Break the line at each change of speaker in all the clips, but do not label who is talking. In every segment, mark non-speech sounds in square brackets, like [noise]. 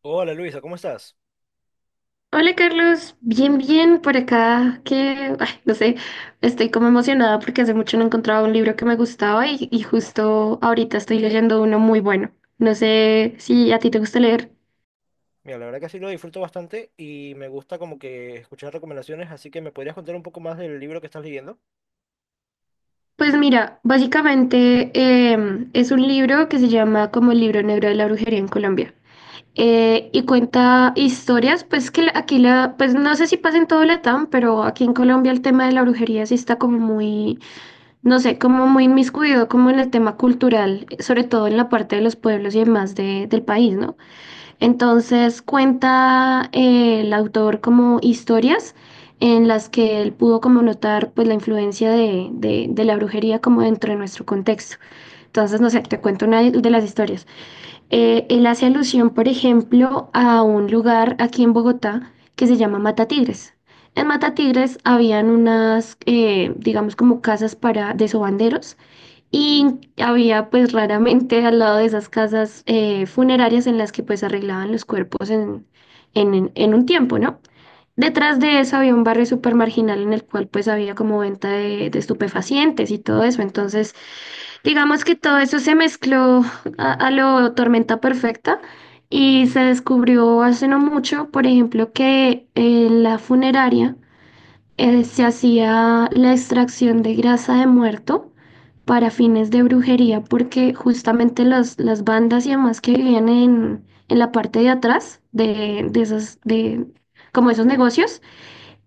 Hola Luisa, ¿cómo estás?
Hola Carlos, bien, bien por acá, que, ay, no sé, estoy como emocionada porque hace mucho no encontraba un libro que me gustaba y justo ahorita estoy leyendo uno muy bueno. No sé si a ti te gusta leer.
Mira, la verdad que sí lo disfruto bastante y me gusta como que escuchar recomendaciones, así que ¿me podrías contar un poco más del libro que estás leyendo?
Pues mira, básicamente es un libro que se llama como el libro negro de la brujería en Colombia. Y cuenta historias, pues aquí la, pues no sé si pasa en todo Latam, pero aquí en Colombia el tema de la brujería sí está como muy no sé, como muy inmiscuido como en el tema cultural, sobre todo en la parte de los pueblos y demás del país, ¿no? Entonces cuenta el autor como historias en las que él pudo como notar pues la influencia de la brujería como dentro de nuestro contexto. Entonces, no sé, te cuento una de las historias. Él hace alusión, por ejemplo, a un lugar aquí en Bogotá que se llama Matatigres. En Matatigres habían unas, digamos, como casas para de sobanderos y había pues raramente al lado de esas casas funerarias en las que pues arreglaban los cuerpos un tiempo, ¿no? Detrás de eso había un barrio súper marginal en el cual pues había como venta de estupefacientes y todo eso. Entonces, digamos que todo eso se mezcló a lo tormenta perfecta y se descubrió hace no mucho, por ejemplo, que en la funeraria se hacía la extracción de grasa de muerto para fines de brujería, porque justamente las bandas y demás que vivían en la parte de atrás de como esos negocios,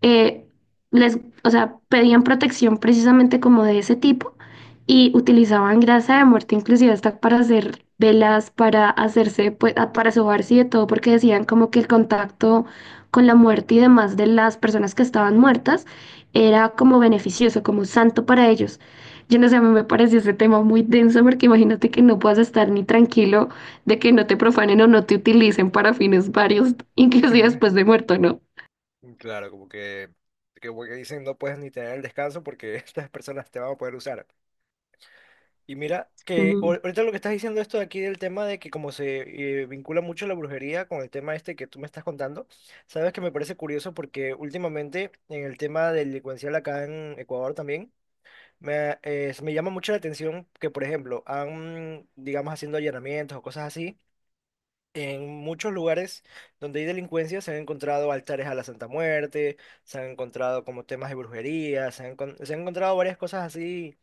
eh, les, o sea, pedían protección precisamente como de ese tipo y utilizaban grasa de muerte inclusive hasta para hacer velas, para hacerse, pues, para sobarse y de todo, porque decían como que el contacto con la muerte y demás de las personas que estaban muertas era como beneficioso, como santo para ellos. Yo no sé, a mí me pareció ese tema muy denso porque imagínate que no puedas estar ni tranquilo de que no te profanen o no te utilicen para fines varios, [laughs] inclusive después de
[laughs]
muerto, ¿no?
Claro, como que como que dicen no puedes ni tener el descanso porque [laughs] estas personas te van a poder usar. Y mira, que ahorita lo que estás diciendo esto de aquí del tema de que como se vincula mucho la brujería con el tema este que tú me estás contando, sabes que me parece curioso porque últimamente en el tema delincuencial acá en Ecuador también. Me llama mucho la atención que, por ejemplo, han, digamos, haciendo allanamientos o cosas así, en muchos lugares donde hay delincuencia se han encontrado altares a la Santa Muerte, se han encontrado como temas de brujería, se han encontrado varias cosas así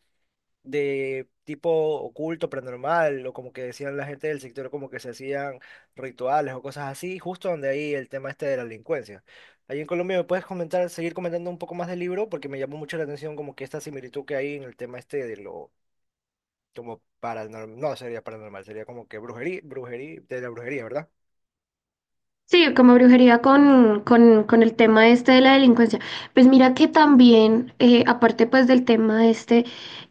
de tipo oculto, paranormal, o como que decían la gente del sector, como que se hacían rituales o cosas así, justo donde ahí el tema este de la delincuencia. Ahí en Colombia me puedes comentar, seguir comentando un poco más del libro, porque me llamó mucho la atención como que esta similitud que hay en el tema este de lo como paranormal, no sería paranormal, sería como que brujería, brujería, de la brujería, ¿verdad?
Sí, como brujería con el tema este de la delincuencia. Pues mira que también, aparte pues del tema este,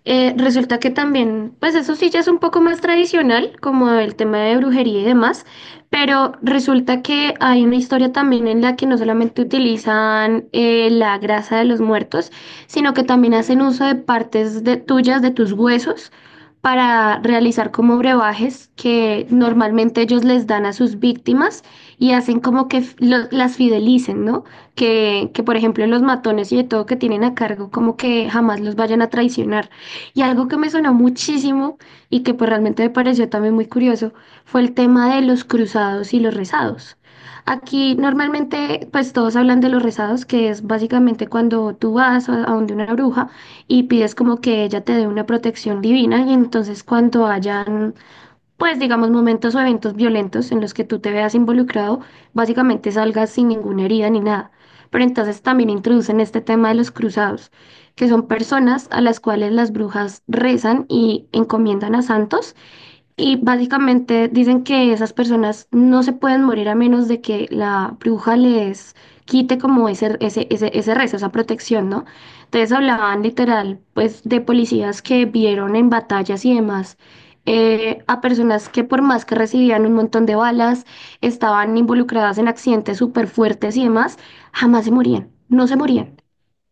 resulta que también, pues eso sí ya es un poco más tradicional, como el tema de brujería y demás, pero resulta que hay una historia también en la que no solamente utilizan la grasa de los muertos, sino que también hacen uso de partes de tuyas, de tus huesos. Para realizar como brebajes que normalmente ellos les dan a sus víctimas y hacen como que las fidelicen, ¿no? Por ejemplo, los matones y de todo que tienen a cargo, como que jamás los vayan a traicionar. Y algo que me sonó muchísimo y que pues realmente me pareció también muy curioso fue el tema de los cruzados y los rezados. Aquí normalmente pues todos hablan de los rezados, que es básicamente cuando tú vas a donde una bruja y pides como que ella te dé una protección divina y entonces cuando hayan pues digamos, momentos o eventos violentos en los que tú te veas involucrado, básicamente salgas sin ninguna herida ni nada. Pero entonces también introducen este tema de los cruzados, que son personas a las cuales las brujas rezan y encomiendan a santos y básicamente dicen que esas personas no se pueden morir a menos de que la bruja les quite como ese rezo, esa protección, ¿no? Entonces hablaban literal, pues, de policías que vieron en batallas y demás a personas que por más que recibían un montón de balas, estaban involucradas en accidentes súper fuertes y demás, jamás se morían, no se morían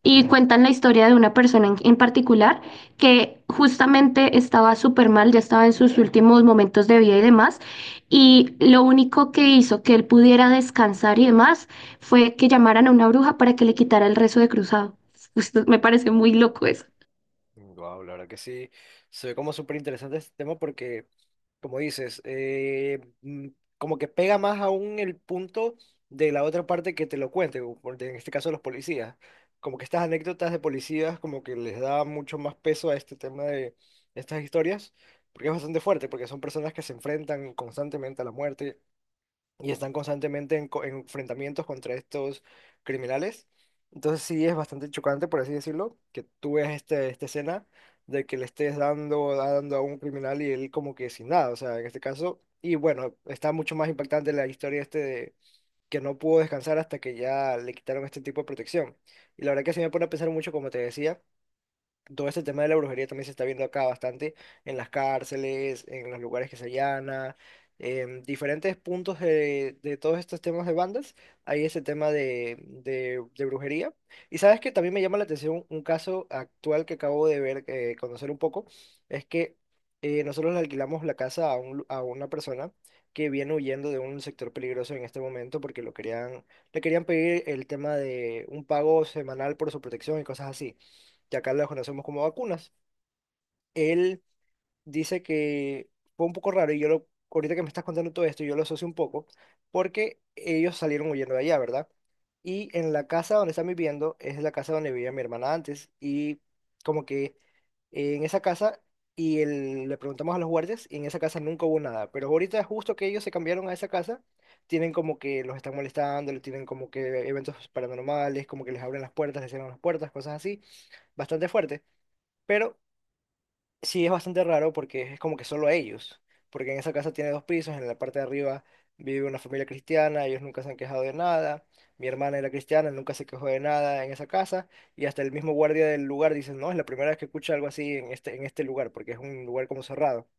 y cuentan la historia de una persona en particular que justamente estaba súper mal, ya estaba en sus últimos momentos de vida y demás, y lo único que hizo que él pudiera descansar y demás fue que llamaran a una bruja para que le quitara el rezo de cruzado. [laughs] Me parece muy loco eso.
Wow, la verdad que sí, se ve como súper interesante este tema porque como dices, como que pega más aún el punto de la otra parte que te lo cuente, en este caso los policías. Como que estas anécdotas de policías como que les da mucho más peso a este tema de estas historias, porque es bastante fuerte, porque son personas que se enfrentan constantemente a la muerte y están constantemente en enfrentamientos contra estos criminales. Entonces sí es bastante chocante, por así decirlo, que tú ves este, esta escena de que le estés dando, dando a un criminal y él como que sin nada, o sea, en este caso. Y bueno, está mucho más impactante la historia este de que no pudo descansar hasta que ya le quitaron este tipo de protección. Y la verdad que sí me pone a pensar mucho, como te decía, todo este tema de la brujería también se está viendo acá bastante en las cárceles, en los lugares que se allana, en diferentes puntos de todos estos temas de bandas, hay ese tema de brujería. Y sabes que también me llama la atención un caso actual que acabo de ver, conocer un poco, es que nosotros le alquilamos la casa a, a una persona que viene huyendo de un sector peligroso en este momento porque lo querían, le querían pedir el tema de un pago semanal por su protección y cosas así, que acá las conocemos como vacunas. Él dice que fue un poco raro y yo lo, ahorita que me estás contando todo esto, yo lo asocio un poco, porque ellos salieron huyendo de allá, ¿verdad? Y en la casa donde están viviendo es la casa donde vivía mi hermana antes y como que en esa casa, le preguntamos a los guardias y en esa casa nunca hubo nada, pero ahorita justo que ellos se cambiaron a esa casa, tienen como que los están molestando, le tienen como que eventos paranormales, como que les abren las puertas, les cierran las puertas, cosas así, bastante fuerte. Pero sí, es bastante raro porque es como que solo ellos, porque en esa casa tiene dos pisos, en la parte de arriba vive una familia cristiana, ellos nunca se han quejado de nada, mi hermana era cristiana, nunca se quejó de nada en esa casa, y hasta el mismo guardia del lugar dice, no, es la primera vez que escucha algo así en este lugar, porque es un lugar como cerrado.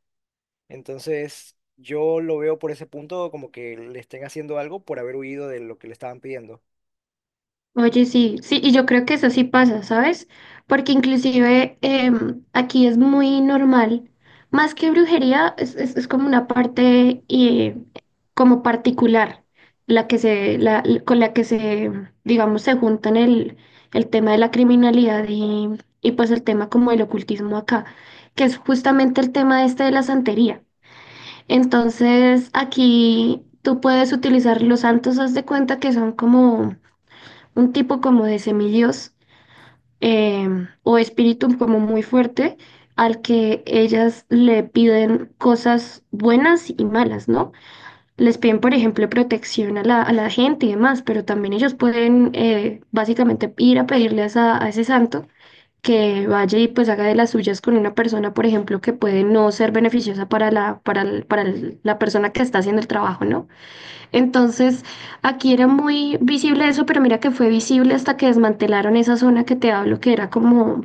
Entonces, yo lo veo por ese punto como que le estén haciendo algo por haber huido de lo que le estaban pidiendo.
Oye, sí, sí, y yo creo que eso sí pasa, ¿sabes? Porque inclusive aquí es muy normal, más que brujería, es como una parte como particular, la que
Claro.
se, con la que se, digamos, se juntan el tema de la criminalidad y pues el tema como el ocultismo acá, que es justamente el tema este de la santería. Entonces, aquí tú puedes utilizar los santos, haz de cuenta que son como un tipo como de semidios o espíritu como muy fuerte al que ellas le piden cosas buenas y malas, ¿no? Les piden, por ejemplo, protección a a la gente y demás, pero también ellos pueden básicamente ir a pedirle a, a ese santo que vaya y pues haga de las suyas con una persona, por ejemplo, que puede no ser beneficiosa para la, para el- la persona que está haciendo el trabajo, ¿no? Entonces, aquí era muy visible eso, pero mira que fue visible hasta que desmantelaron esa zona que te hablo, que era como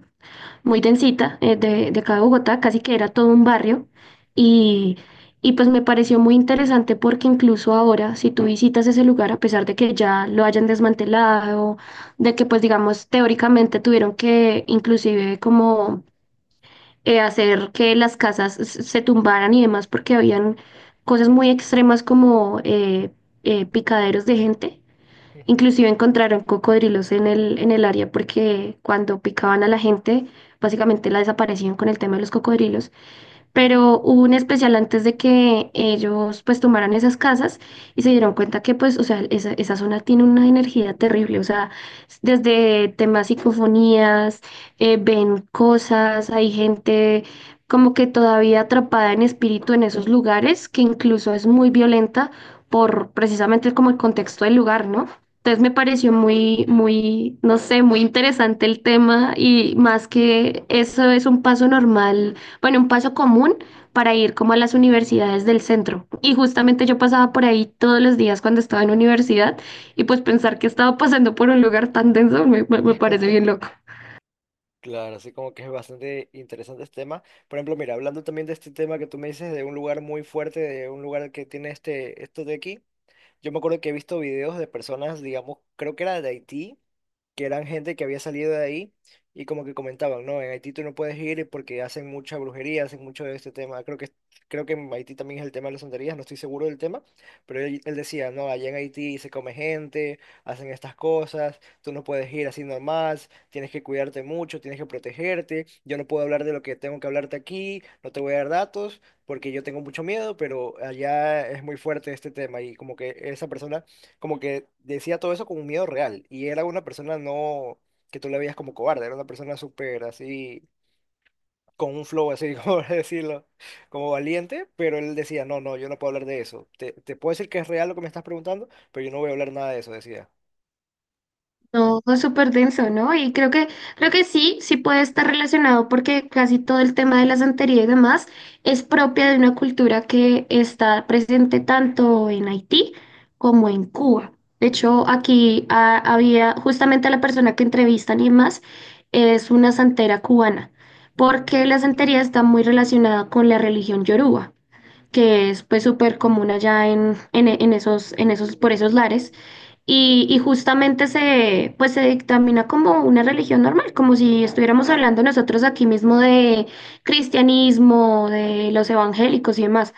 muy densita, de acá de Bogotá, casi que era todo un barrio. Y, y pues me pareció muy interesante porque incluso ahora, si tú visitas ese lugar, a pesar de que ya lo hayan desmantelado, de que pues digamos teóricamente tuvieron que inclusive como hacer que las casas se tumbaran y demás, porque habían cosas muy extremas como picaderos de gente.
Ujú.
Inclusive encontraron cocodrilos en en el área porque cuando picaban a la gente, básicamente la desaparecían con el tema de los cocodrilos pero hubo un especial antes de que ellos pues tomaran esas casas y se dieron cuenta que pues, o sea, esa zona tiene una energía terrible, o sea, desde temas psicofonías, ven cosas, hay gente como que todavía atrapada en espíritu en esos lugares, que incluso es muy violenta por precisamente como el contexto del lugar, ¿no? Entonces me pareció no sé, muy interesante el tema y más que eso es un paso normal bueno, un paso común para ir como a las universidades del centro. Y justamente yo pasaba por ahí todos los días cuando estaba en universidad y pues pensar que estaba pasando por un lugar tan denso me parece bien loco.
Claro, así como que es bastante interesante este tema. Por ejemplo, mira, hablando también de este tema que tú me dices de un lugar muy fuerte, de un lugar que tiene este, esto de aquí. Yo me acuerdo que he visto videos de personas, digamos, creo que era de Haití, que eran gente que había salido de ahí y como que comentaban, no, en Haití tú no puedes ir porque hacen mucha brujería, hacen mucho de este tema. Creo que en Haití también es el tema de las santerías, no estoy seguro del tema, pero él decía, no, allá en Haití se come gente, hacen estas cosas, tú no puedes ir así normal, tienes que cuidarte mucho, tienes que protegerte, yo no puedo hablar de lo que tengo que hablarte aquí, no te voy a dar datos porque yo tengo mucho miedo, pero allá es muy fuerte este tema y como que esa persona como que decía todo eso con un miedo real y era una persona no que tú la veías como cobarde, era una persona súper así, con un flow así, [laughs] como decirlo, como valiente, pero él decía, no, no, yo no puedo hablar de eso, te puedo decir que es real lo que me estás preguntando, pero yo no voy a hablar nada de eso, decía.
No, fue súper denso, ¿no? Y creo que sí, sí puede estar relacionado porque casi todo el tema de la santería y demás es propia de una cultura que está presente tanto en Haití como en Cuba. De hecho, aquí había justamente la persona que entrevistan y demás es una santera cubana, porque
Mm.
la santería está muy relacionada con la religión yoruba, que es pues súper común allá en esos, por esos lares. Justamente se, pues se dictamina como una religión normal, como si estuviéramos hablando nosotros aquí mismo de cristianismo, de los evangélicos y demás.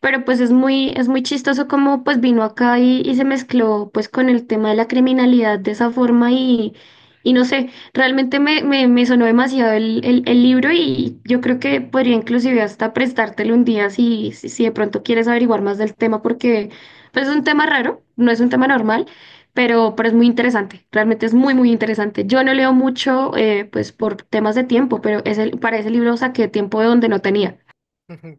Pero pues es muy chistoso cómo pues vino acá y se mezcló pues con el tema de la criminalidad de esa forma y no sé, realmente me sonó demasiado el libro y yo creo que podría inclusive hasta prestártelo un día si de pronto quieres averiguar más del tema porque pues es un tema raro, no es un tema normal, pero es muy interesante, realmente es muy interesante. Yo no leo mucho pues por temas de tiempo, pero ese, para ese libro saqué tiempo de donde no tenía.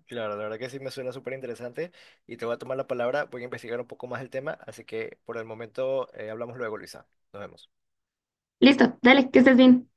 Claro, la verdad que sí me suena súper interesante y te voy a tomar la palabra, voy a investigar un poco más el tema, así que por el momento hablamos luego, Luisa. Nos vemos.
Listo, dale, que estés bien.